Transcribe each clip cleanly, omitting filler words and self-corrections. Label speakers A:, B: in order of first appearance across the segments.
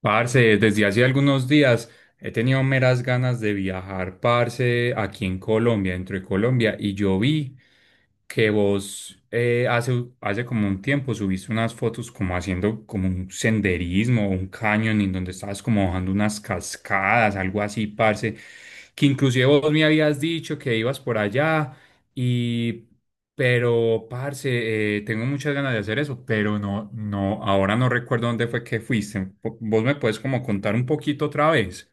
A: Parce, desde hace algunos días he tenido meras ganas de viajar, parce, aquí en Colombia, dentro de Colombia, y yo vi que vos hace, hace como un tiempo subiste unas fotos como haciendo como un senderismo, o un cañón, en donde estabas como bajando unas cascadas, algo así, parce, que inclusive vos me habías dicho que ibas por allá y... Pero, parce, tengo muchas ganas de hacer eso, pero no, no, ahora no recuerdo dónde fue que fuiste. ¿Vos me puedes como contar un poquito otra vez?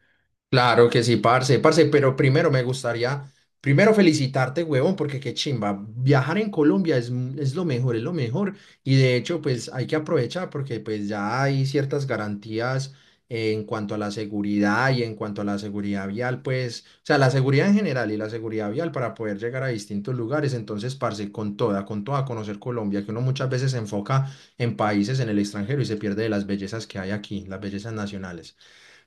B: Claro que sí, parce, parce, pero primero me gustaría, primero felicitarte, huevón, porque qué chimba, viajar en Colombia es lo mejor, es lo mejor, y de hecho, pues hay que aprovechar porque pues ya hay ciertas garantías en cuanto a la seguridad y en cuanto a la seguridad vial, pues, o sea, la seguridad en general y la seguridad vial para poder llegar a distintos lugares, entonces, parce, con toda conocer Colombia, que uno muchas veces se enfoca en países en el extranjero y se pierde de las bellezas que hay aquí, las bellezas nacionales.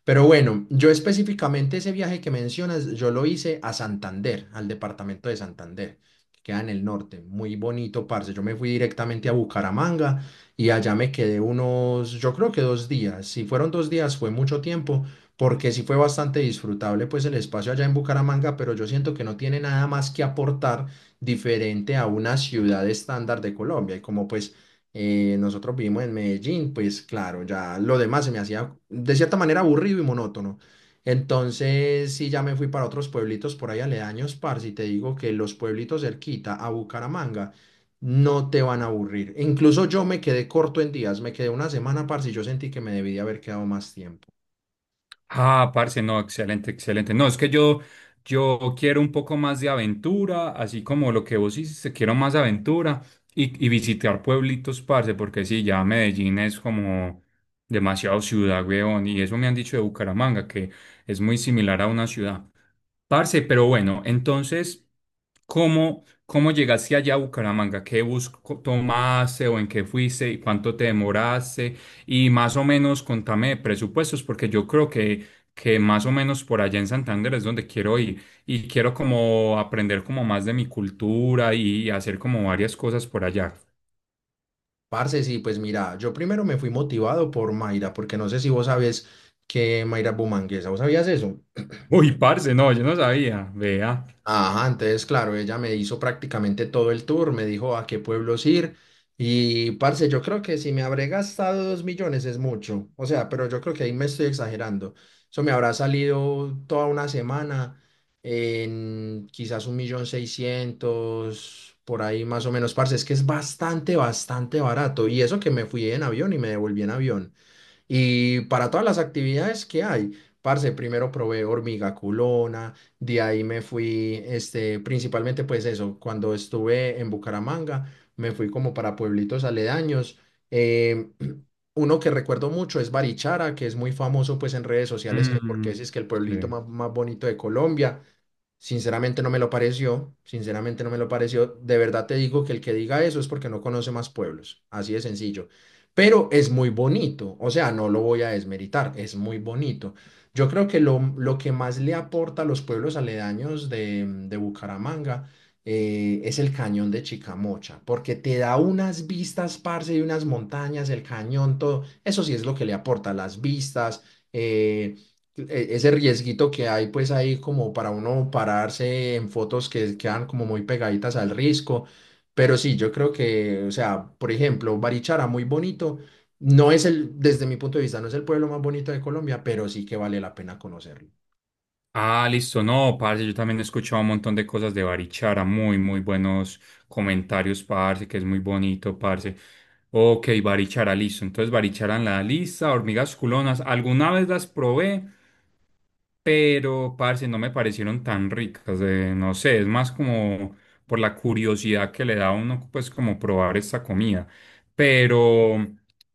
B: Pero bueno, yo específicamente ese viaje que mencionas, yo lo hice a Santander, al departamento de Santander, que queda en el norte. Muy bonito, parce. Yo me fui directamente a Bucaramanga y allá me quedé unos, yo creo que 2 días. Si fueron 2 días, fue mucho tiempo, porque sí fue bastante disfrutable, pues el espacio allá en Bucaramanga, pero yo siento que no tiene nada más que aportar diferente a una ciudad estándar de Colombia. Y como pues nosotros vivimos en Medellín, pues claro, ya lo demás se me hacía de cierta manera aburrido y monótono. Entonces, sí, ya me fui para otros pueblitos por ahí aledaños, parce, y te digo que los pueblitos cerquita a Bucaramanga no te van a aburrir. Incluso yo me quedé corto en días, me quedé una semana, parce, y yo sentí que me debí de haber quedado más tiempo.
A: Ah, parce, no, excelente, excelente. No, es que yo quiero un poco más de aventura, así como lo que vos hiciste, quiero más aventura y visitar pueblitos, parce, porque sí, ya Medellín es como demasiado ciudad, weón, y eso me han dicho de Bucaramanga, que es muy similar a una ciudad. Parce, pero bueno, entonces, ¿cómo llegaste allá a Bucaramanga? ¿Qué tomaste o en qué fuiste y cuánto te demoraste? Y más o menos contame de presupuestos, porque yo creo que más o menos por allá en Santander es donde quiero ir y quiero como aprender como más de mi cultura y hacer como varias cosas por allá.
B: Parce, sí, pues mira, yo primero me fui motivado por Mayra, porque no sé si vos sabés que Mayra es bumanguesa, ¿vos sabías eso?
A: Uy, parce, no, yo no sabía, vea.
B: Ajá, entonces, claro, ella me hizo prácticamente todo el tour, me dijo a qué pueblos ir y, parce, yo creo que si me habré gastado 2 millones es mucho, o sea, pero yo creo que ahí me estoy exagerando. Eso me habrá salido toda una semana en quizás un millón seiscientos, por ahí más o menos, parce, es que es bastante, bastante barato y eso que me fui en avión y me devolví en avión. Y para todas las actividades que hay, parce, primero probé hormiga culona, de ahí me fui, este, principalmente pues eso, cuando estuve en Bucaramanga, me fui como para pueblitos aledaños. eh, Uno que recuerdo mucho es Barichara, que es muy famoso pues en redes sociales, que porque
A: Mm,
B: ese es que el pueblito
A: sí.
B: más, más bonito de Colombia. Sinceramente no me lo pareció, sinceramente no me lo pareció. De verdad te digo que el que diga eso es porque no conoce más pueblos, así de sencillo. Pero es muy bonito, o sea, no lo voy a desmeritar, es muy bonito. Yo creo que lo que más le aporta a los pueblos aledaños de Bucaramanga es el cañón de Chicamocha, porque te da unas vistas, parce, y unas montañas, el cañón, todo. Eso sí es lo que le aporta, las vistas. eh, Ese riesguito que hay pues ahí como para uno pararse en fotos que quedan como muy pegaditas al risco. Pero sí, yo creo que, o sea, por ejemplo, Barichara, muy bonito. No es el, desde mi punto de vista, no es el pueblo más bonito de Colombia, pero sí que vale la pena conocerlo.
A: Ah, listo, no, parce, yo también he escuchado un montón de cosas de Barichara, muy, muy buenos comentarios, parce, que es muy bonito, parce. Ok, Barichara, listo. Entonces, Barichara en la lista, hormigas culonas, alguna vez las probé, pero parce, no me parecieron tan ricas, no sé, es más como por la curiosidad que le da a uno, pues como probar esta comida, pero,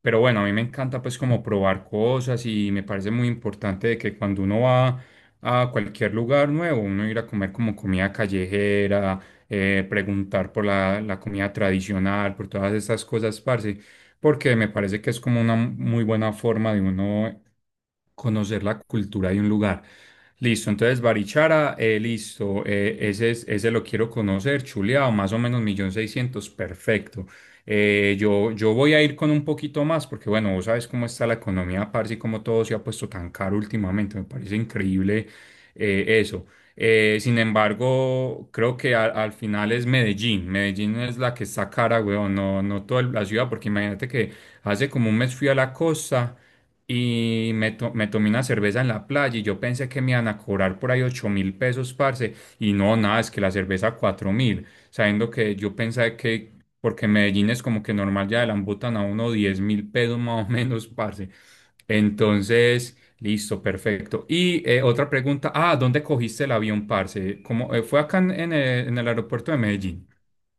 A: pero bueno, a mí me encanta pues como probar cosas y me parece muy importante de que cuando uno va a cualquier lugar nuevo, uno ir a comer como comida callejera, preguntar por la comida tradicional, por todas estas cosas, parce, porque me parece que es como una muy buena forma de uno conocer la cultura de un lugar. Listo, entonces Barichara, listo, ese, ese lo quiero conocer, chuleado, más o menos 1.600.000, perfecto. Yo voy a ir con un poquito más porque, bueno, vos sabes cómo está la economía, parce, y cómo todo se ha puesto tan caro últimamente, me parece increíble eso. Sin embargo, creo que al final es Medellín. Medellín es la que está cara, weón, no, no toda la ciudad, porque imagínate que hace como un mes fui a la costa y me tomé una cerveza en la playa y yo pensé que me iban a cobrar por ahí 8.000 pesos, parce, y no, nada, es que la cerveza 4.000, sabiendo que yo pensé que, porque Medellín es como que normal ya le embutan a uno 10.000 pesos más o menos, parce. Entonces... Listo, perfecto. Y otra pregunta, ah, ¿dónde cogiste el avión, parce? ¿Cómo, fue acá en en el aeropuerto de Medellín?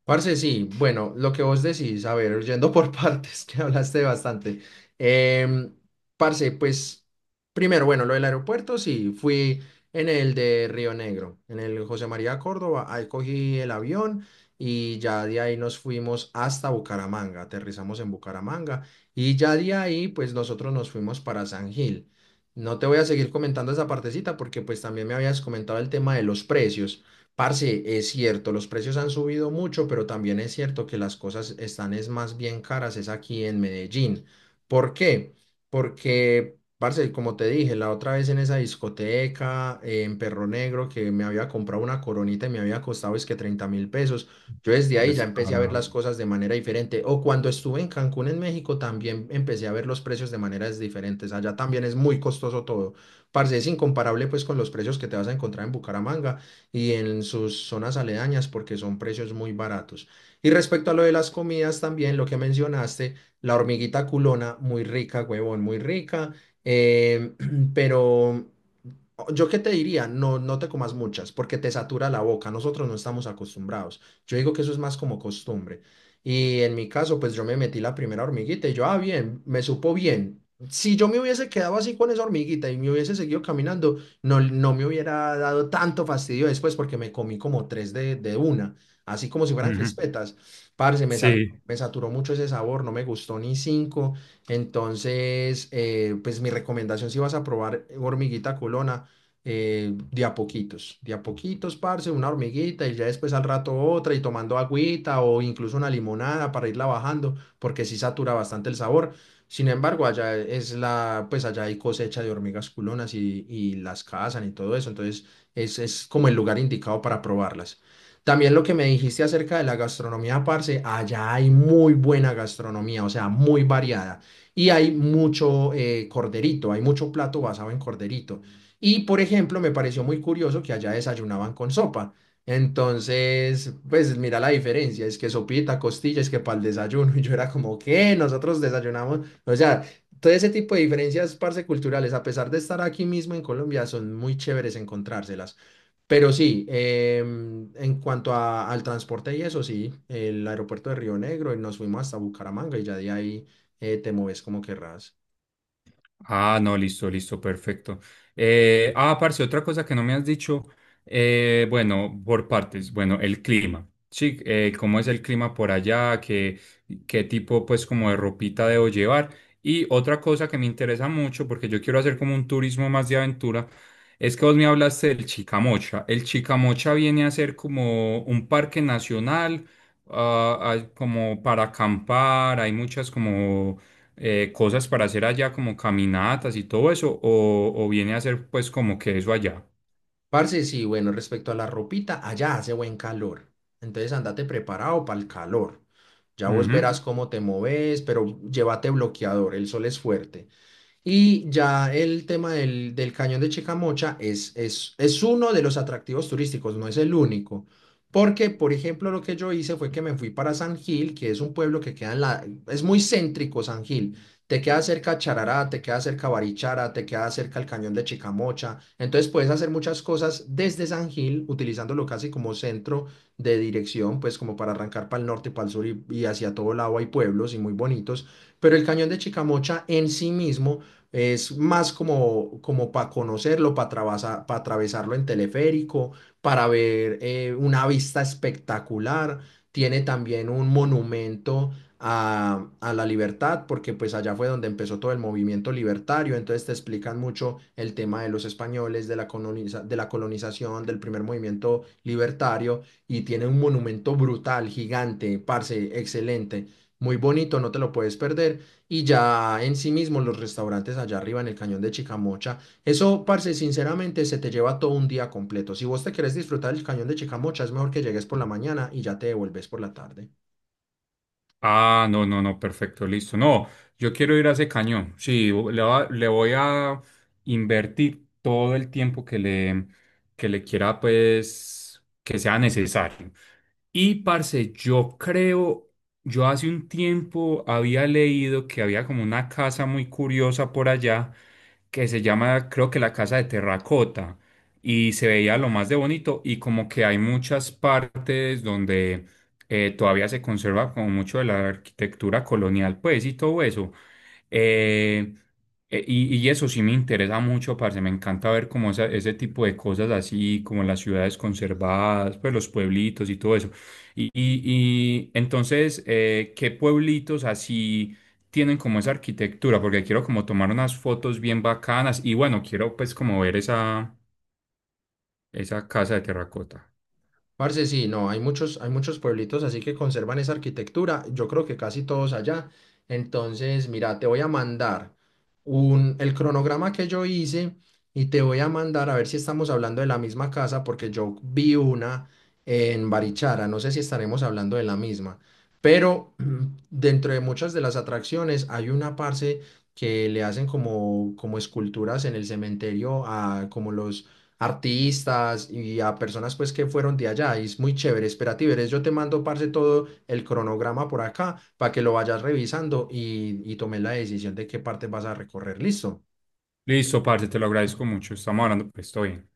B: Parce, sí, bueno, lo que vos decís, a ver, yendo por partes, que hablaste bastante. Em, Parce, pues, primero, bueno, lo del aeropuerto, sí, fui en el de Río Negro, en el José María Córdoba, ahí cogí el avión y ya de ahí nos fuimos hasta Bucaramanga, aterrizamos en Bucaramanga y ya de ahí, pues, nosotros nos fuimos para San Gil. No te voy a seguir comentando esa partecita porque pues también me habías comentado el tema de los precios. Parce, es cierto, los precios han subido mucho, pero también es cierto que las cosas están es más bien caras, es aquí en Medellín. ¿Por qué? Porque, parce, como te dije, la otra vez en esa discoteca en Perro Negro que me había comprado una coronita y me había costado es que 30 mil pesos, yo desde ahí ya empecé a ver
A: Descarado.
B: las cosas de manera diferente. O cuando estuve en Cancún, en México, también empecé a ver los precios de maneras diferentes. Allá también es muy costoso todo. Parce, es incomparable pues con los precios que te vas a encontrar en Bucaramanga y en sus zonas aledañas porque son precios muy baratos. Y respecto a lo de las comidas también, lo que mencionaste, la hormiguita culona, muy rica, huevón, muy rica, eh, pero yo qué te diría, no, no te comas muchas porque te satura la boca. Nosotros no estamos acostumbrados. Yo digo que eso es más como costumbre. Y en mi caso, pues yo me metí la primera hormiguita y yo, ah, bien, me supo bien. Si yo me hubiese quedado así con esa hormiguita y me hubiese seguido caminando, no, no me hubiera dado tanto fastidio después porque me comí como tres de una, así como si fueran
A: Ujú.
B: crispetas. Parce,
A: Sí.
B: me saturó mucho ese sabor, no me gustó ni cinco. Entonces, pues mi recomendación si vas a probar hormiguita culona de a poquitos, parce, una hormiguita y ya después al rato otra y tomando agüita o incluso una limonada para irla bajando, porque sí satura bastante el sabor. Sin embargo, allá es la, pues allá hay cosecha de hormigas culonas y las cazan y todo eso, entonces es como el lugar indicado para probarlas. También lo que me dijiste acerca de la gastronomía, parce, allá hay muy buena gastronomía, o sea, muy variada. Y hay mucho corderito, hay mucho plato basado en corderito. Y, por ejemplo, me pareció muy curioso que allá desayunaban con sopa. Entonces, pues mira la diferencia, es que sopita, costillas, que para el desayuno. Y yo era como, ¿qué? Nosotros desayunamos. O sea, todo ese tipo de diferencias parce culturales, a pesar de estar aquí mismo en Colombia, son muy chéveres encontrárselas. Pero sí, en cuanto al transporte y eso, sí, el aeropuerto de Río Negro y nos fuimos hasta Bucaramanga y ya de ahí te mueves como querrás.
A: Ah, no, listo, listo, perfecto. Parce, otra cosa que no me has dicho, bueno, por partes, bueno, el clima, sí, cómo es el clima por allá, qué tipo, pues, como de ropita debo llevar. Y otra cosa que me interesa mucho, porque yo quiero hacer como un turismo más de aventura, es que vos me hablaste del Chicamocha. El Chicamocha viene a ser como un parque nacional, como para acampar, hay muchas como cosas para hacer allá, como caminatas y todo eso, o viene a hacer pues como que eso allá.
B: Parce, sí, bueno, respecto a la ropita, allá hace buen calor. Entonces andate preparado para el calor. Ya vos
A: Ujú.
B: verás cómo te moves, pero llévate bloqueador, el sol es fuerte. Y ya el tema del cañón de Chicamocha es uno de los atractivos turísticos, no es el único. Porque, por ejemplo, lo que yo hice fue que me fui para San Gil, que es un pueblo que queda en la. Es muy céntrico San Gil. Te queda cerca Charará, te queda cerca Barichara, te queda cerca el cañón de Chicamocha. Entonces puedes hacer muchas cosas desde San Gil, utilizándolo casi como centro de dirección, pues como para arrancar para el norte, para el sur y hacia todo lado hay pueblos y muy bonitos. Pero el cañón de Chicamocha en sí mismo es más como, para conocerlo, para atravesarlo en teleférico, para ver una vista espectacular. Tiene también un monumento a la libertad, porque pues allá fue donde empezó todo el movimiento libertario, entonces te explican mucho el tema de los españoles, de la colonización, del primer movimiento libertario, y tiene un monumento brutal, gigante, parce, excelente, muy bonito, no te lo puedes perder y ya en sí mismo los restaurantes allá arriba en el cañón de Chicamocha. Eso, parce, sinceramente se te lleva todo un día completo. Si vos te querés disfrutar el cañón de Chicamocha, es mejor que llegues por la mañana y ya te devuelves por la tarde.
A: Ah, no, no, no, perfecto, listo. No, yo quiero ir a ese cañón. Sí, le voy a invertir todo el tiempo que le quiera, pues, que sea necesario. Y parce, yo creo, yo hace un tiempo había leído que había como una casa muy curiosa por allá que se llama, creo que la casa de terracota y se veía lo más de bonito y como que hay muchas partes donde todavía se conserva como mucho de la arquitectura colonial, pues y todo eso. Eh, y eso sí me interesa mucho, parce. Me encanta ver como ese tipo de cosas así, como las ciudades conservadas, pues los pueblitos y todo eso. Y, y- y entonces, ¿qué pueblitos así tienen como esa arquitectura? Porque quiero como tomar unas fotos bien bacanas y bueno, quiero pues como ver esa casa de terracota.
B: Parce, sí, no, hay muchos pueblitos así que conservan esa arquitectura, yo creo que casi todos allá. Entonces, mira, te voy a mandar el cronograma que yo hice y te voy a mandar a ver si estamos hablando de la misma casa, porque yo vi una en Barichara, no sé si estaremos hablando de la misma, pero dentro de muchas de las atracciones hay una, parce, que le hacen como, como esculturas en el cementerio a como los artistas y a personas pues que fueron de allá. Y es muy chévere. Espera, Tiberes, yo te mando, parce, todo el cronograma por acá para que lo vayas revisando y tomes la decisión de qué parte vas a recorrer. Listo.
A: Listo, parce, te lo agradezco mucho. Estamos hablando, pues estoy bien.